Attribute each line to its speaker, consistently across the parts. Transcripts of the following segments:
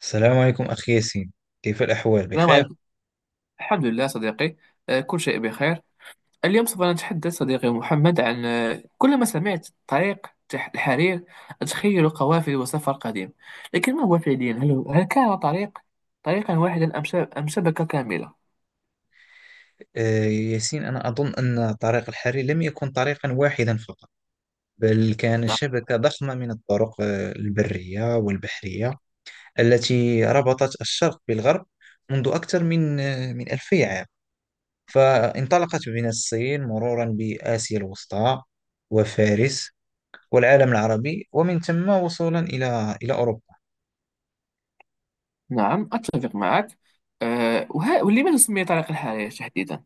Speaker 1: السلام عليكم أخي ياسين. كيف الأحوال؟
Speaker 2: السلام
Speaker 1: بخير؟
Speaker 2: عليكم. الحمد لله صديقي، كل شيء بخير. اليوم سوف نتحدث صديقي محمد عن، كلما سمعت طريق الحرير أتخيل قوافل وسفر قديم، لكن ما هو فعليا؟ هل كان طريق واحدا أم أم شبكة كاملة؟
Speaker 1: ياسين، أنا أظن أن طريق الحرير لم يكن طريقا واحدا فقط، بل كان
Speaker 2: نعم.
Speaker 1: شبكة ضخمة من الطرق البرية والبحرية التي ربطت الشرق بالغرب منذ أكثر من من 2000 عام. فانطلقت من الصين مرورا بآسيا الوسطى وفارس والعالم العربي، ومن ثم وصولا إلى أوروبا.
Speaker 2: نعم أتفق معك. أه، ولماذا سمي طريق الحرير تحديدا؟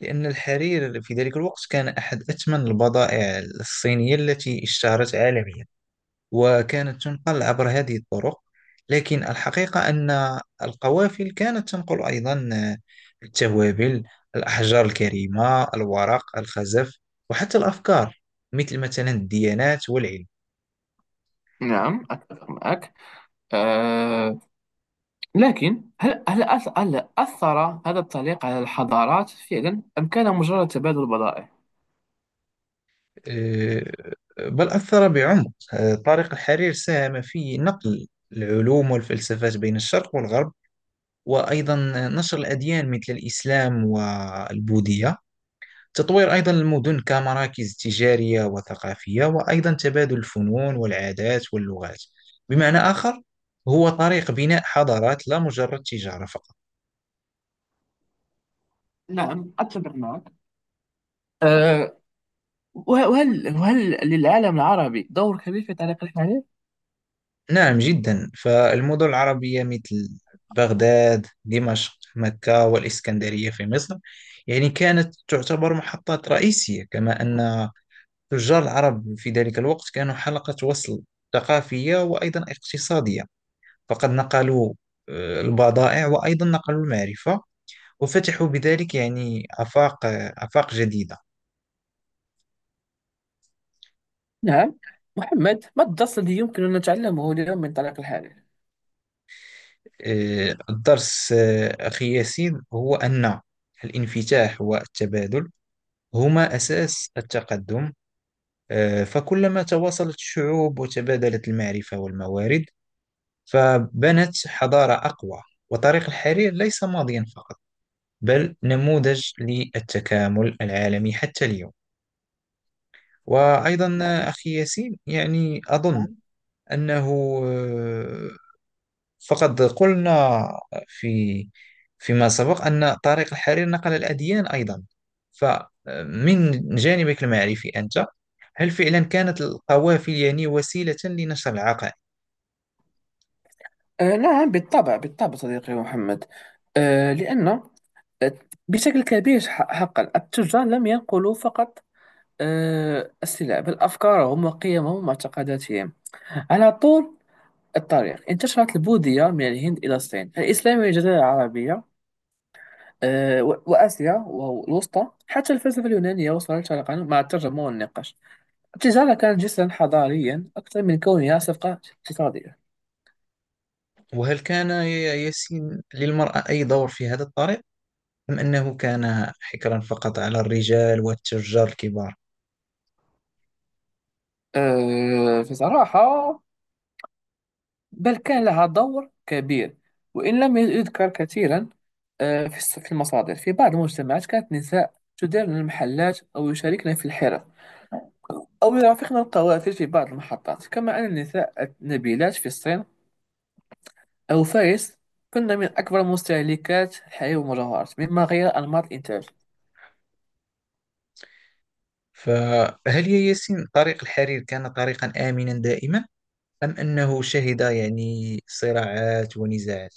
Speaker 1: لأن الحرير في ذلك الوقت كان أحد أثمن البضائع الصينية التي اشتهرت عالميا، وكانت تنقل عبر هذه الطرق. لكن الحقيقة أن القوافل كانت تنقل أيضا التوابل، الأحجار الكريمة، الورق، الخزف، وحتى الأفكار، مثل مثلا الديانات والعلم.
Speaker 2: نعم أتفق معك. أه، لكن هل أثر هذا الطريق على الحضارات فعلا، أم كان مجرد تبادل بضائع؟
Speaker 1: أه، بل أثر بعمق. طريق الحرير ساهم في نقل العلوم والفلسفات بين الشرق والغرب، وأيضا نشر الأديان مثل الإسلام والبوذية، تطوير أيضا المدن كمراكز تجارية وثقافية، وأيضا تبادل الفنون والعادات واللغات. بمعنى آخر، هو طريق بناء حضارات، لا مجرد تجارة فقط.
Speaker 2: نعم أتفق معك. أه، وهل للعالم العربي دور كبير في تعليق الحديث؟
Speaker 1: نعم جدا، فالمدن العربية مثل بغداد، دمشق، مكة، والإسكندرية في مصر، يعني كانت تعتبر محطات رئيسية. كما أن تجار العرب في ذلك الوقت كانوا حلقة وصل ثقافية وأيضا اقتصادية، فقد نقلوا البضائع وأيضا نقلوا المعرفة، وفتحوا بذلك يعني آفاق آفاق جديدة.
Speaker 2: نعم. محمد، ما الدرس الذي يمكن أن نتعلمه اليوم من تعليق الحديث؟
Speaker 1: الدرس أخي ياسين هو أن الانفتاح والتبادل هما أساس التقدم. فكلما تواصلت الشعوب وتبادلت المعرفة والموارد، فبنت حضارة أقوى. وطريق الحرير ليس ماضيا فقط، بل نموذج للتكامل العالمي حتى اليوم. وأيضا
Speaker 2: نعم.
Speaker 1: أخي ياسين يعني أظن أنه آه، فقد قلنا في فيما سبق أن طريق الحرير نقل الأديان أيضا، فمن جانبك المعرفي أنت، هل فعلا كانت القوافل يعني وسيلة لنشر العقائد؟
Speaker 2: أه نعم، بالطبع صديقي محمد. أه، لأن آه، بشكل كبير، حقا التجار لم ينقلوا فقط أه السلع، بل أفكارهم وقيمهم واعتقاداتهم. على طول الطريق انتشرت البوذية من الهند إلى الصين، الإسلام والجزيرة العربية، وآسيا والوسطى، حتى الفلسفة اليونانية وصلت شرقا مع الترجمة والنقاش. التجارة كانت جسرا حضاريا أكثر من كونها صفقة اقتصادية.
Speaker 1: وهل كان يا ياسين للمرأة أي دور في هذا الطريق، أم أنه كان حكرا فقط على الرجال والتجار الكبار؟
Speaker 2: بصراحة، بل كان لها دور كبير وإن لم يذكر كثيرا. في في المصادر، في بعض المجتمعات كانت النساء تديرن المحلات أو يشاركن في الحرف أو يرافقن القوافل في بعض المحطات. كما أن النساء النبيلات في الصين أو فارس كنا من أكبر مستهلكات الحليب والمجوهرات، مما غير أنماط الإنتاج.
Speaker 1: فهل يا ياسين طريق الحرير كان طريقا آمنا دائما، أم أنه شهد يعني صراعات ونزاعات؟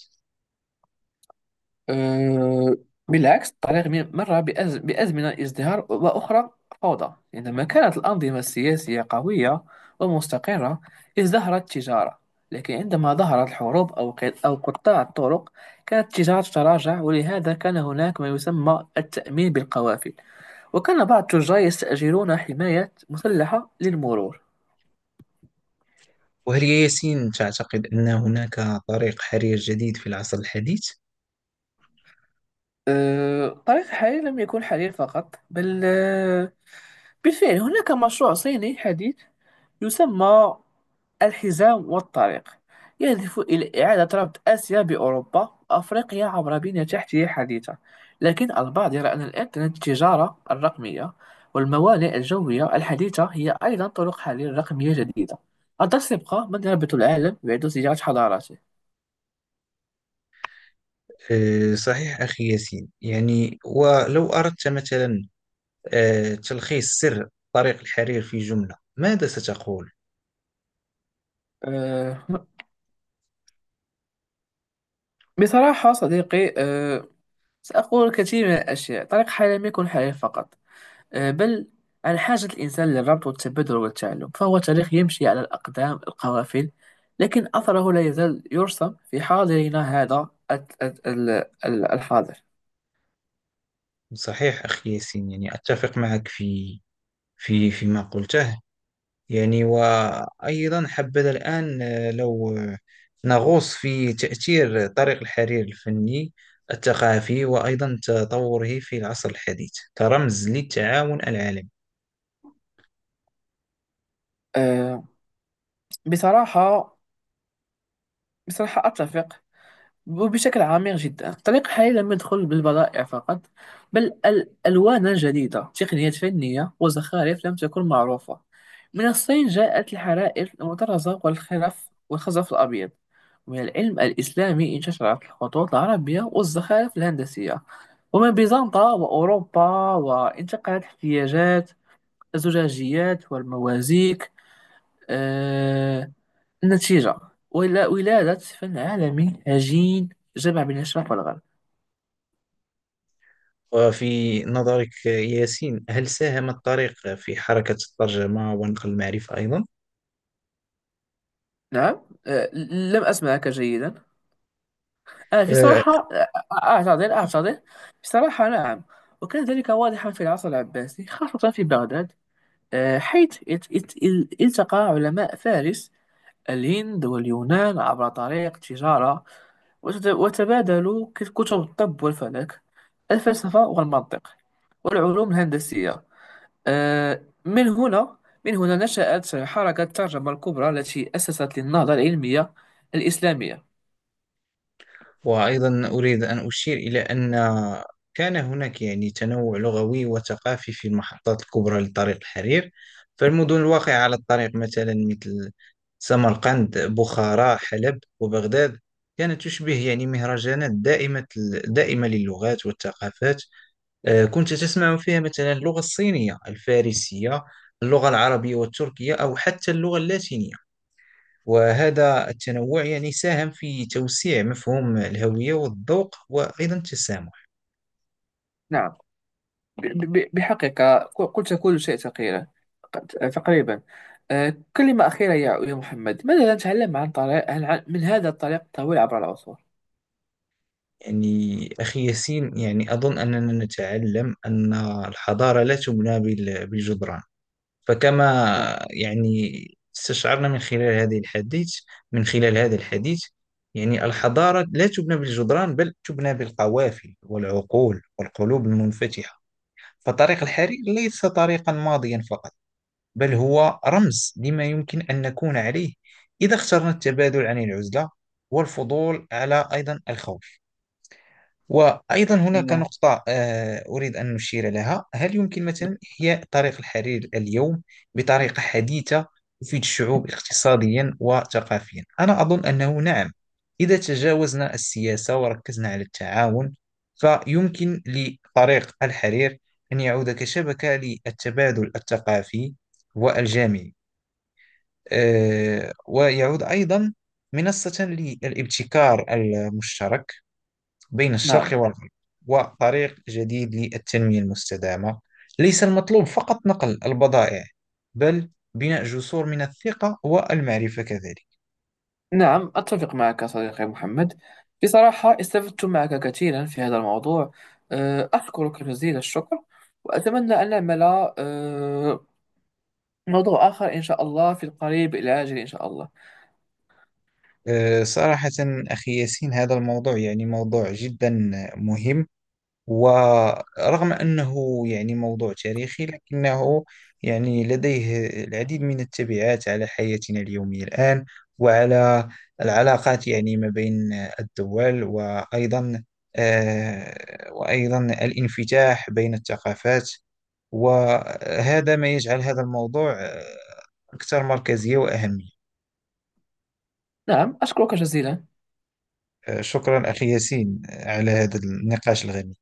Speaker 2: أه، بالعكس. الطريق مر بأزمنة ازدهار وأخرى فوضى. عندما كانت الأنظمة السياسية قوية ومستقرة ازدهرت التجارة، لكن عندما ظهرت الحروب أو قطاع الطرق كانت التجارة تتراجع. ولهذا كان هناك ما يسمى التأمين بالقوافل، وكان بعض التجار يستأجرون حماية مسلحة للمرور.
Speaker 1: وهل يا ياسين تعتقد أن هناك طريق حرير جديد في العصر الحديث؟
Speaker 2: طريق الحرير لم يكن حرير فقط، بل بالفعل هناك مشروع صيني حديث يسمى الحزام والطريق، يهدف إلى إعادة ربط آسيا بأوروبا وأفريقيا عبر بنية تحتية حديثة. لكن البعض يرى أن الإنترنت، التجارة الرقمية والموانئ الجوية الحديثة هي أيضا طرق حل رقمية جديدة، قد سيبقى من يربط العالم ويعيد صياغة حضارته.
Speaker 1: صحيح أخي ياسين، يعني ولو أردت مثلا تلخيص سر طريق الحرير في جملة، ماذا ستقول؟
Speaker 2: أه بصراحة صديقي، أه سأقول كثير من الأشياء. طريق حياة لم يكن حياة فقط، بل عن حاجة الإنسان للربط والتبادل والتعلم، فهو تاريخ يمشي على الأقدام القوافل، لكن أثره لا يزال يرسم في حاضرنا هذا ال- الحاضر.
Speaker 1: صحيح أخي ياسين، يعني أتفق معك في فيما قلته. يعني وأيضا حبذا الآن آه، لو آه، نغوص في تأثير طريق الحرير الفني، الثقافي، وأيضا تطوره في العصر الحديث كرمز للتعاون العالمي.
Speaker 2: آه، بصراحة، أتفق وبشكل عميق جدا. الطريق حاليا لم يدخل بالبضائع فقط، بل الألوان جديدة، تقنيات فنية وزخارف لم تكن معروفة. من الصين جاءت الحرائر المطرزة والخرف والخزف الأبيض، ومن العلم الإسلامي انتشرت الخطوط العربية والزخارف الهندسية، ومن بيزنطة وأوروبا وانتقلت احتياجات الزجاجيات والموازيك. آه، النتيجة، ولا ولادة فن عالمي هجين جمع بين الشرق والغرب.
Speaker 1: وفي نظرك ياسين، هل ساهم الطريق في حركة الترجمة ونقل المعرفة أيضا؟
Speaker 2: نعم. لم أسمعك جيدا. في
Speaker 1: آه،
Speaker 2: صراحة، أعتذر في صراحة نعم، وكان ذلك واضحا في العصر العباسي، خاصة في بغداد. حيث التقى علماء فارس، الهند واليونان عبر طريق التجارة، وتبادلوا كتب الطب والفلك، الفلسفة والمنطق، والعلوم الهندسية. من هنا، نشأت حركة الترجمة الكبرى التي أسست للنهضة العلمية الإسلامية.
Speaker 1: وأيضا أريد أن أشير إلى أن كان هناك يعني تنوع لغوي وثقافي في المحطات الكبرى لطريق الحرير. فالمدن الواقعة على الطريق مثلا مثل سمرقند، بخارى، حلب، وبغداد كانت تشبه يعني مهرجانات دائمة للغات والثقافات. كنت تسمع فيها مثلا اللغة الصينية، الفارسية، اللغة العربية والتركية، أو حتى اللغة اللاتينية. وهذا التنوع يعني ساهم في توسيع مفهوم الهوية والذوق وأيضا التسامح.
Speaker 2: نعم. بحقيقة قلت كل شيء تقريبا، تقريبا كلمة أخيرة يا محمد، ماذا نتعلم عن طريق من هذا الطريق الطويل عبر العصور؟
Speaker 1: يعني أخي ياسين يعني أظن أننا نتعلم أن الحضارة لا تبنى بالجدران. فكما
Speaker 2: نعم.
Speaker 1: يعني استشعرنا من خلال هذا الحديث، يعني الحضارة لا تبنى بالجدران، بل تبنى بالقوافل والعقول والقلوب المنفتحة. فطريق الحرير ليس طريقا ماضيا فقط، بل هو رمز لما يمكن أن نكون عليه، إذا اخترنا التبادل عن العزلة، والفضول على أيضا الخوف. وأيضا هناك
Speaker 2: آه،
Speaker 1: نقطة أريد أن نشير لها. هل يمكن مثلا إحياء طريق الحرير اليوم بطريقة حديثة تفيد الشعوب اقتصاديا وثقافيا؟ أنا أظن أنه نعم، إذا تجاوزنا السياسة وركزنا على التعاون، فيمكن لطريق الحرير أن يعود كشبكة للتبادل الثقافي والجامعي. ويعود أيضا منصة للابتكار المشترك بين الشرق
Speaker 2: نعم.
Speaker 1: والغرب، وطريق جديد للتنمية المستدامة. ليس المطلوب فقط نقل البضائع، بل بناء جسور من الثقة والمعرفة كذلك.
Speaker 2: نعم أتفق معك صديقي محمد، بصراحة استفدت معك كثيرا في هذا الموضوع. أشكرك جزيل الشكر، وأتمنى أن نعمل آه، موضوع آخر إن شاء الله في القريب الآجل، إن شاء الله.
Speaker 1: صراحة أخي ياسين، هذا الموضوع يعني موضوع جدا مهم، ورغم أنه يعني موضوع تاريخي، لكنه يعني لديه العديد من التبعات على حياتنا اليومية الآن، وعلى العلاقات يعني ما بين الدول، وأيضا وأيضا الانفتاح بين الثقافات، وهذا ما يجعل هذا الموضوع أكثر مركزية وأهمية.
Speaker 2: نعم أشكرك جزيلا.
Speaker 1: شكرا أخي ياسين على هذا النقاش الغني.